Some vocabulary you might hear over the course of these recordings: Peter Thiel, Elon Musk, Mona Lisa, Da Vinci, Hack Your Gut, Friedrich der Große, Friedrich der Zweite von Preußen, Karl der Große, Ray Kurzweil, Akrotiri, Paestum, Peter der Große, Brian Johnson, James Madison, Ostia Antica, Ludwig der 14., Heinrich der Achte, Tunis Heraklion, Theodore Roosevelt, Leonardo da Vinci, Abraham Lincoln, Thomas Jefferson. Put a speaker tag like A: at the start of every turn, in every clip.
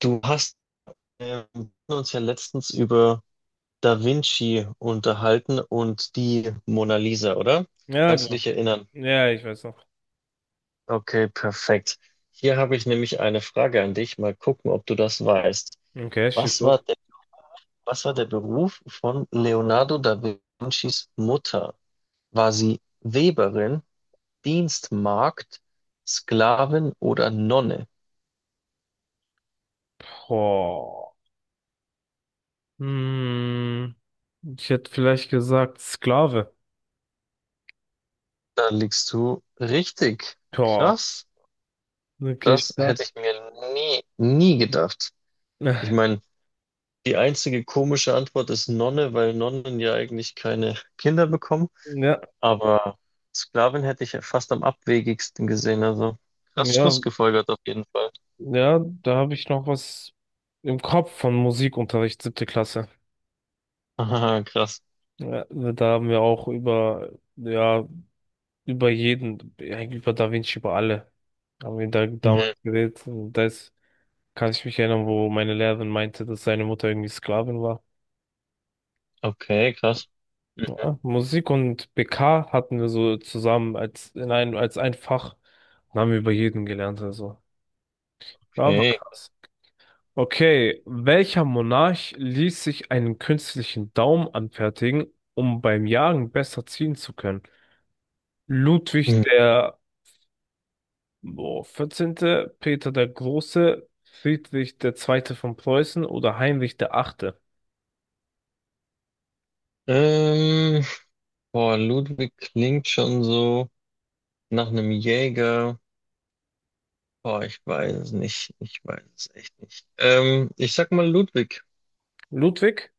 A: Du hast wir haben uns ja letztens über Da Vinci unterhalten und die Mona Lisa, oder?
B: Ja,
A: Kannst du
B: klar.
A: dich erinnern?
B: Ja, ich weiß noch.
A: Okay, perfekt. Hier habe ich nämlich eine Frage an dich. Mal gucken, ob du das weißt.
B: Okay, schieß
A: Was war
B: los.
A: der, was war der Beruf von Leonardo da Vincis Mutter? War sie Weberin, Dienstmagd, Sklavin oder Nonne?
B: Boah. Hm, Ich hätte vielleicht gesagt Sklave.
A: Da liegst du richtig.
B: Boah.
A: Krass.
B: Okay, ich
A: Das hätte
B: sag.
A: ich mir nie gedacht. Ich
B: Äh,
A: meine, die einzige komische Antwort ist Nonne, weil Nonnen ja eigentlich keine Kinder bekommen.
B: Ja,
A: Aber Sklavin hätte ich ja fast am abwegigsten gesehen. Also krass
B: ja,
A: schlussgefolgert auf jeden Fall.
B: ja, da habe ich noch was im Kopf von Musikunterricht, siebte Klasse.
A: Aha, krass.
B: Ja, da haben wir auch über, ja, über jeden, eigentlich über Da Vinci, über alle, haben wir da damals
A: Mhm.
B: geredet. Und da ist, kann ich mich erinnern, wo meine Lehrerin meinte, dass seine Mutter irgendwie Sklavin war.
A: Okay, krass.
B: Ja, Musik und BK hatten wir so zusammen als ein Fach. Dann haben wir über jeden gelernt, also. Ja, war
A: Okay.
B: krass. Okay, welcher Monarch ließ sich einen künstlichen Daumen anfertigen, um beim Jagen besser ziehen zu können? Ludwig
A: Hm.
B: der 14., Peter der Große, Friedrich der Zweite von Preußen oder Heinrich der Achte?
A: Ähm, boah, Ludwig klingt schon so nach einem Jäger. Boah, ich weiß es nicht. Ich weiß es echt nicht. Ich sag mal Ludwig.
B: Ludwig?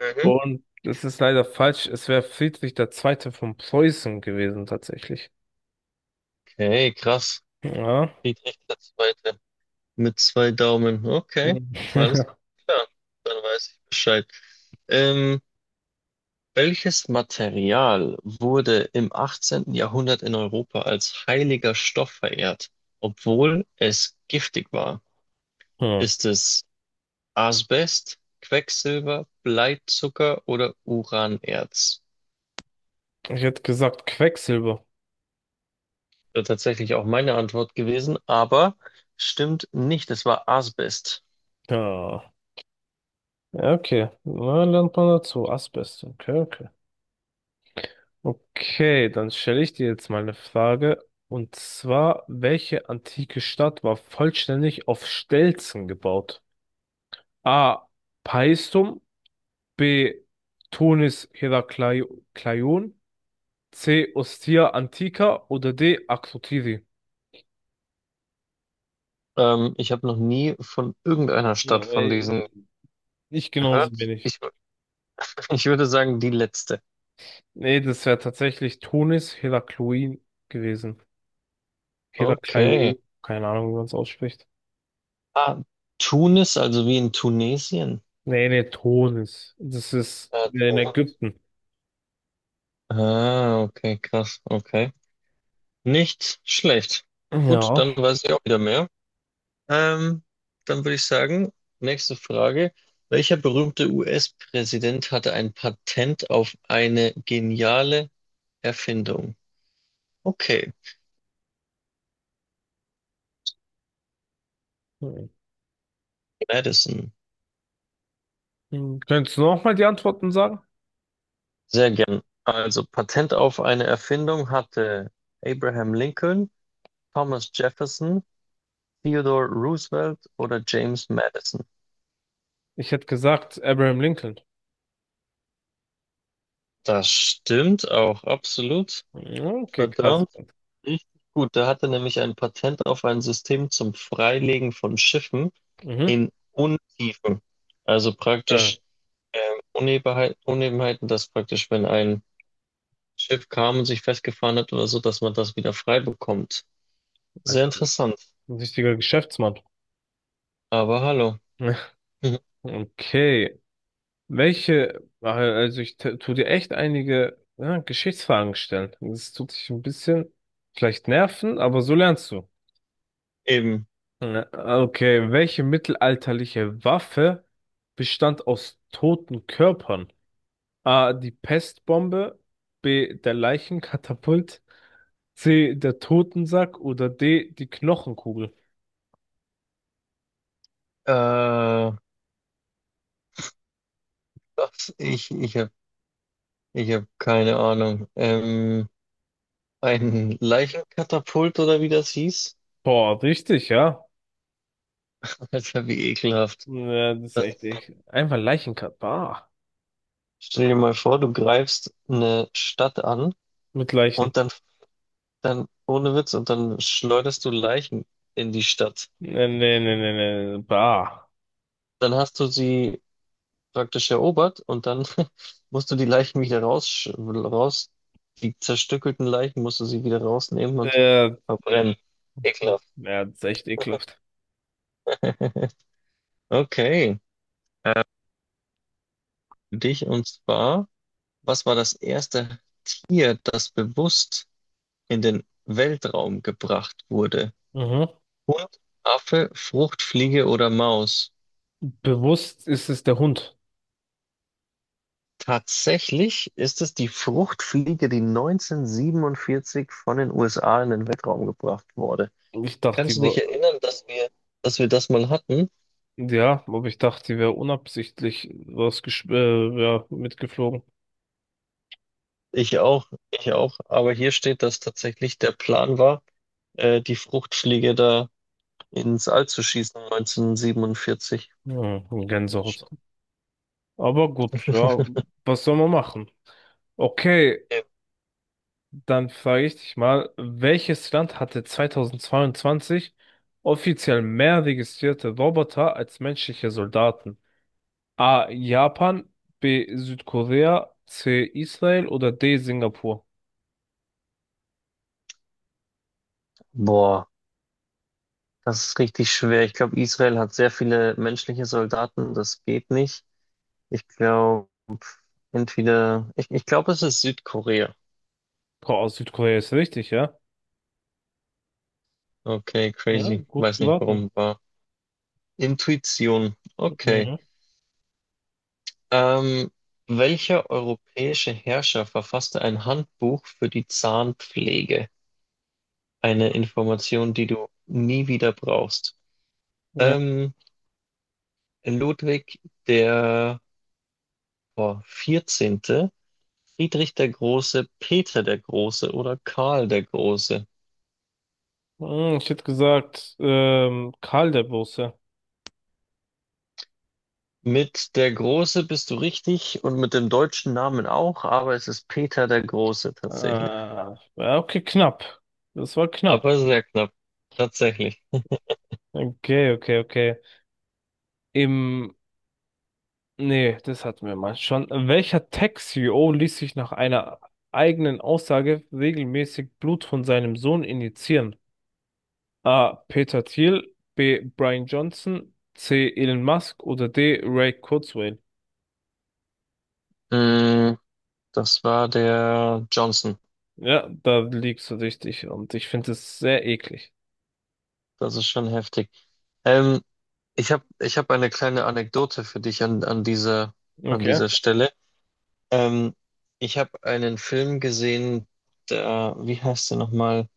A: Mhm.
B: Und das ist leider falsch. Es wäre Friedrich der Zweite von Preußen gewesen, tatsächlich.
A: Okay, krass.
B: Ja.
A: Geht echt zweite mit zwei Daumen. Okay, alles klar. Dann weiß ich Bescheid. Ähm, welches Material wurde im 18. Jahrhundert in Europa als heiliger Stoff verehrt, obwohl es giftig war?
B: Hm.
A: Ist es Asbest, Quecksilber, Bleizucker oder Uranerz?
B: Ich hätte gesagt Quecksilber.
A: Wäre tatsächlich auch meine Antwort gewesen, aber stimmt nicht. Es war Asbest.
B: Ja. Ja, okay. Na, lernt man dazu. Asbest. Okay, okay. Okay, dann stelle ich dir jetzt mal eine Frage. Und zwar, welche antike Stadt war vollständig auf Stelzen gebaut? A. Paestum. B. Tunis Heraklion. C. Ostia Antica oder D. Akrotiri.
A: Ich habe noch nie von irgendeiner
B: Ja,
A: Stadt von diesen
B: ich genauso
A: gehört.
B: wenig.
A: Ich würde sagen, die letzte.
B: Nee, das wäre tatsächlich Tunis Heraklion gewesen.
A: Okay.
B: Heraklion, keine Ahnung, wie man es ausspricht.
A: Ah, Tunis, also wie in Tunesien.
B: Nee, nee, Tunis. Das ist
A: Ja,
B: in
A: Tunis.
B: Ägypten.
A: Ah, okay, krass. Okay. Nicht schlecht. Gut,
B: Ja.
A: dann weiß ich auch wieder mehr. Ähm, dann würde ich sagen, nächste Frage. Welcher berühmte US-Präsident hatte ein Patent auf eine geniale Erfindung? Okay, Madison.
B: Hm. Könntest du nochmal die Antworten sagen?
A: Sehr gern. Also Patent auf eine Erfindung hatte Abraham Lincoln, Thomas Jefferson, Theodore Roosevelt oder James Madison.
B: Ich hätte gesagt Abraham Lincoln.
A: Das stimmt auch absolut.
B: Hm, okay, krass.
A: Verdammt, richtig gut. Der hatte nämlich ein Patent auf ein System zum Freilegen von Schiffen
B: Mhm.
A: in Untiefen. Also
B: Ja,
A: praktisch Unebenheit, Unebenheiten, dass praktisch, wenn ein Schiff kam und sich festgefahren hat oder so, dass man das wieder frei bekommt. Sehr
B: Alter,
A: interessant.
B: ein richtiger Geschäftsmann.
A: Aber hallo. Mhm.
B: Okay. Welche, also ich tu dir echt einige ja, Geschichtsfragen stellen. Das tut dich ein bisschen vielleicht nerven, aber so lernst du.
A: Eben.
B: Okay, welche mittelalterliche Waffe bestand aus toten Körpern? A. Die Pestbombe, B. Der Leichenkatapult, C. Der Totensack oder D. Die Knochenkugel.
A: Äh, was? Ich, ich habe ich hab keine Ahnung. Ein Leichenkatapult oder wie das hieß?
B: Boah, richtig, ja.
A: Das wäre wie ekelhaft.
B: Ja, das ist
A: Das,
B: echt, echt. Einfach Leichenkatapult. Bah.
A: stell dir mal vor, du greifst eine Stadt an
B: Mit Leichen.
A: und ohne Witz, und dann schleuderst du Leichen in die Stadt.
B: Nee, nee, nee, nee, nee. Bah.
A: Dann hast du sie praktisch erobert und dann musst du die Leichen wieder raus, die zerstückelten Leichen musst du sie wieder rausnehmen und
B: Äh,
A: verbrennen. Ekelhaft.
B: ja, das ist echt ekelhaft.
A: Okay, äh, für dich und zwar, was war das erste Tier, das bewusst in den Weltraum gebracht wurde?
B: Mhm.
A: Hund, Affe, Fruchtfliege oder Maus?
B: Bewusst ist es der Hund.
A: Tatsächlich ist es die Fruchtfliege, die 1947 von den USA in den Weltraum gebracht wurde.
B: Ich dachte,
A: Kannst
B: die
A: du dich erinnern, dass wir das mal hatten?
B: Ja, aber ich dachte, die wäre unabsichtlich was ja, mitgeflogen.
A: Ich auch, ich auch. Aber hier steht, dass tatsächlich der Plan war, die Fruchtfliege da ins All zu schießen 1947.
B: Hm, Gänsehaut. Aber gut, ja, was soll man machen? Okay, dann frage ich dich mal, welches Land hatte 2022 offiziell mehr registrierte Roboter als menschliche Soldaten? A. Japan, B. Südkorea, C. Israel oder D. Singapur?
A: Boah, das ist richtig schwer. Ich glaube, Israel hat sehr viele menschliche Soldaten. Das geht nicht. Ich glaube, ich glaube, es ist Südkorea.
B: Boah, Südkorea ist richtig, ja?
A: Okay,
B: Ja,
A: crazy.
B: gut
A: Weiß nicht,
B: geraten.
A: warum war. Intuition. Okay.
B: Mhm.
A: Ähm, welcher europäische Herrscher verfasste ein Handbuch für die Zahnpflege? Eine Information, die du nie wieder brauchst.
B: Ja,
A: Ähm, Ludwig der boah, 14., Friedrich der Große, Peter der Große oder Karl der Große.
B: Ich hätte gesagt, Karl der Große.
A: Mit der Große bist du richtig und mit dem deutschen Namen auch, aber es ist Peter der Große tatsächlich.
B: Ja, okay, knapp. Das war knapp.
A: Aber sehr knapp, tatsächlich.
B: Okay, okay, okay. Im, Nee, das hatten wir mal schon. Welcher Tech-CEO ließ sich nach einer eigenen Aussage regelmäßig Blut von seinem Sohn injizieren? A. Peter Thiel, B. Brian Johnson, C. Elon Musk oder D. Ray Kurzweil?
A: Mm, das war der Johnson.
B: Ja, da liegst du richtig und ich finde es sehr eklig.
A: Das ist schon heftig. Ähm, ich hab eine kleine Anekdote für dich an dieser, an
B: Okay.
A: dieser Stelle. Ähm, ich habe einen Film gesehen, der, wie heißt der nochmal?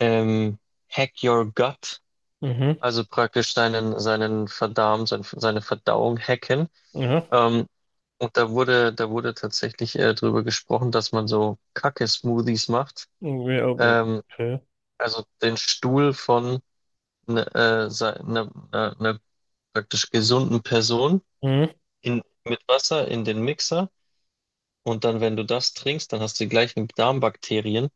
A: Ähm, Hack Your Gut,
B: Mhm.
A: also praktisch seinen Verdarm, seine Verdauung hacken.
B: Mhm.
A: Ähm, und da wurde tatsächlich drüber gesprochen, dass man so Kacke-Smoothies macht.
B: Irgendwie auch-.
A: Ähm,
B: Okay.
A: also den Stuhl von einer ne, ne, äh, ne praktisch gesunden Person
B: Hm.
A: in, mit Wasser in den Mixer. Und dann, wenn du das trinkst, dann hast du die gleichen Darmbakterien.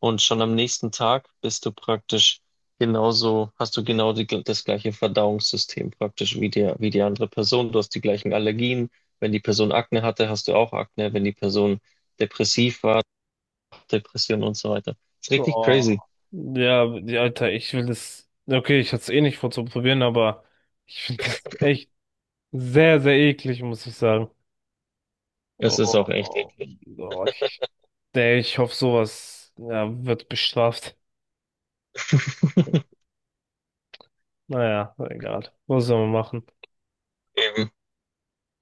A: Und schon am nächsten Tag bist du praktisch genauso, hast du genau das gleiche Verdauungssystem praktisch wie wie die andere Person. Du hast die gleichen Allergien. Wenn die Person Akne hatte, hast du auch Akne. Wenn die Person depressiv war, Depression und so weiter. Ist richtig crazy.
B: Boah. Ja, Alter, ich will das. Okay, ich hatte es eh nicht vor zu probieren, aber ich finde das echt sehr, sehr eklig, muss ich sagen. Oh,
A: Es ist auch echt
B: oh,
A: eklig.
B: oh, ich, nee, ich hoffe, sowas ja, wird bestraft. Naja, egal. Was soll man machen?
A: Eben.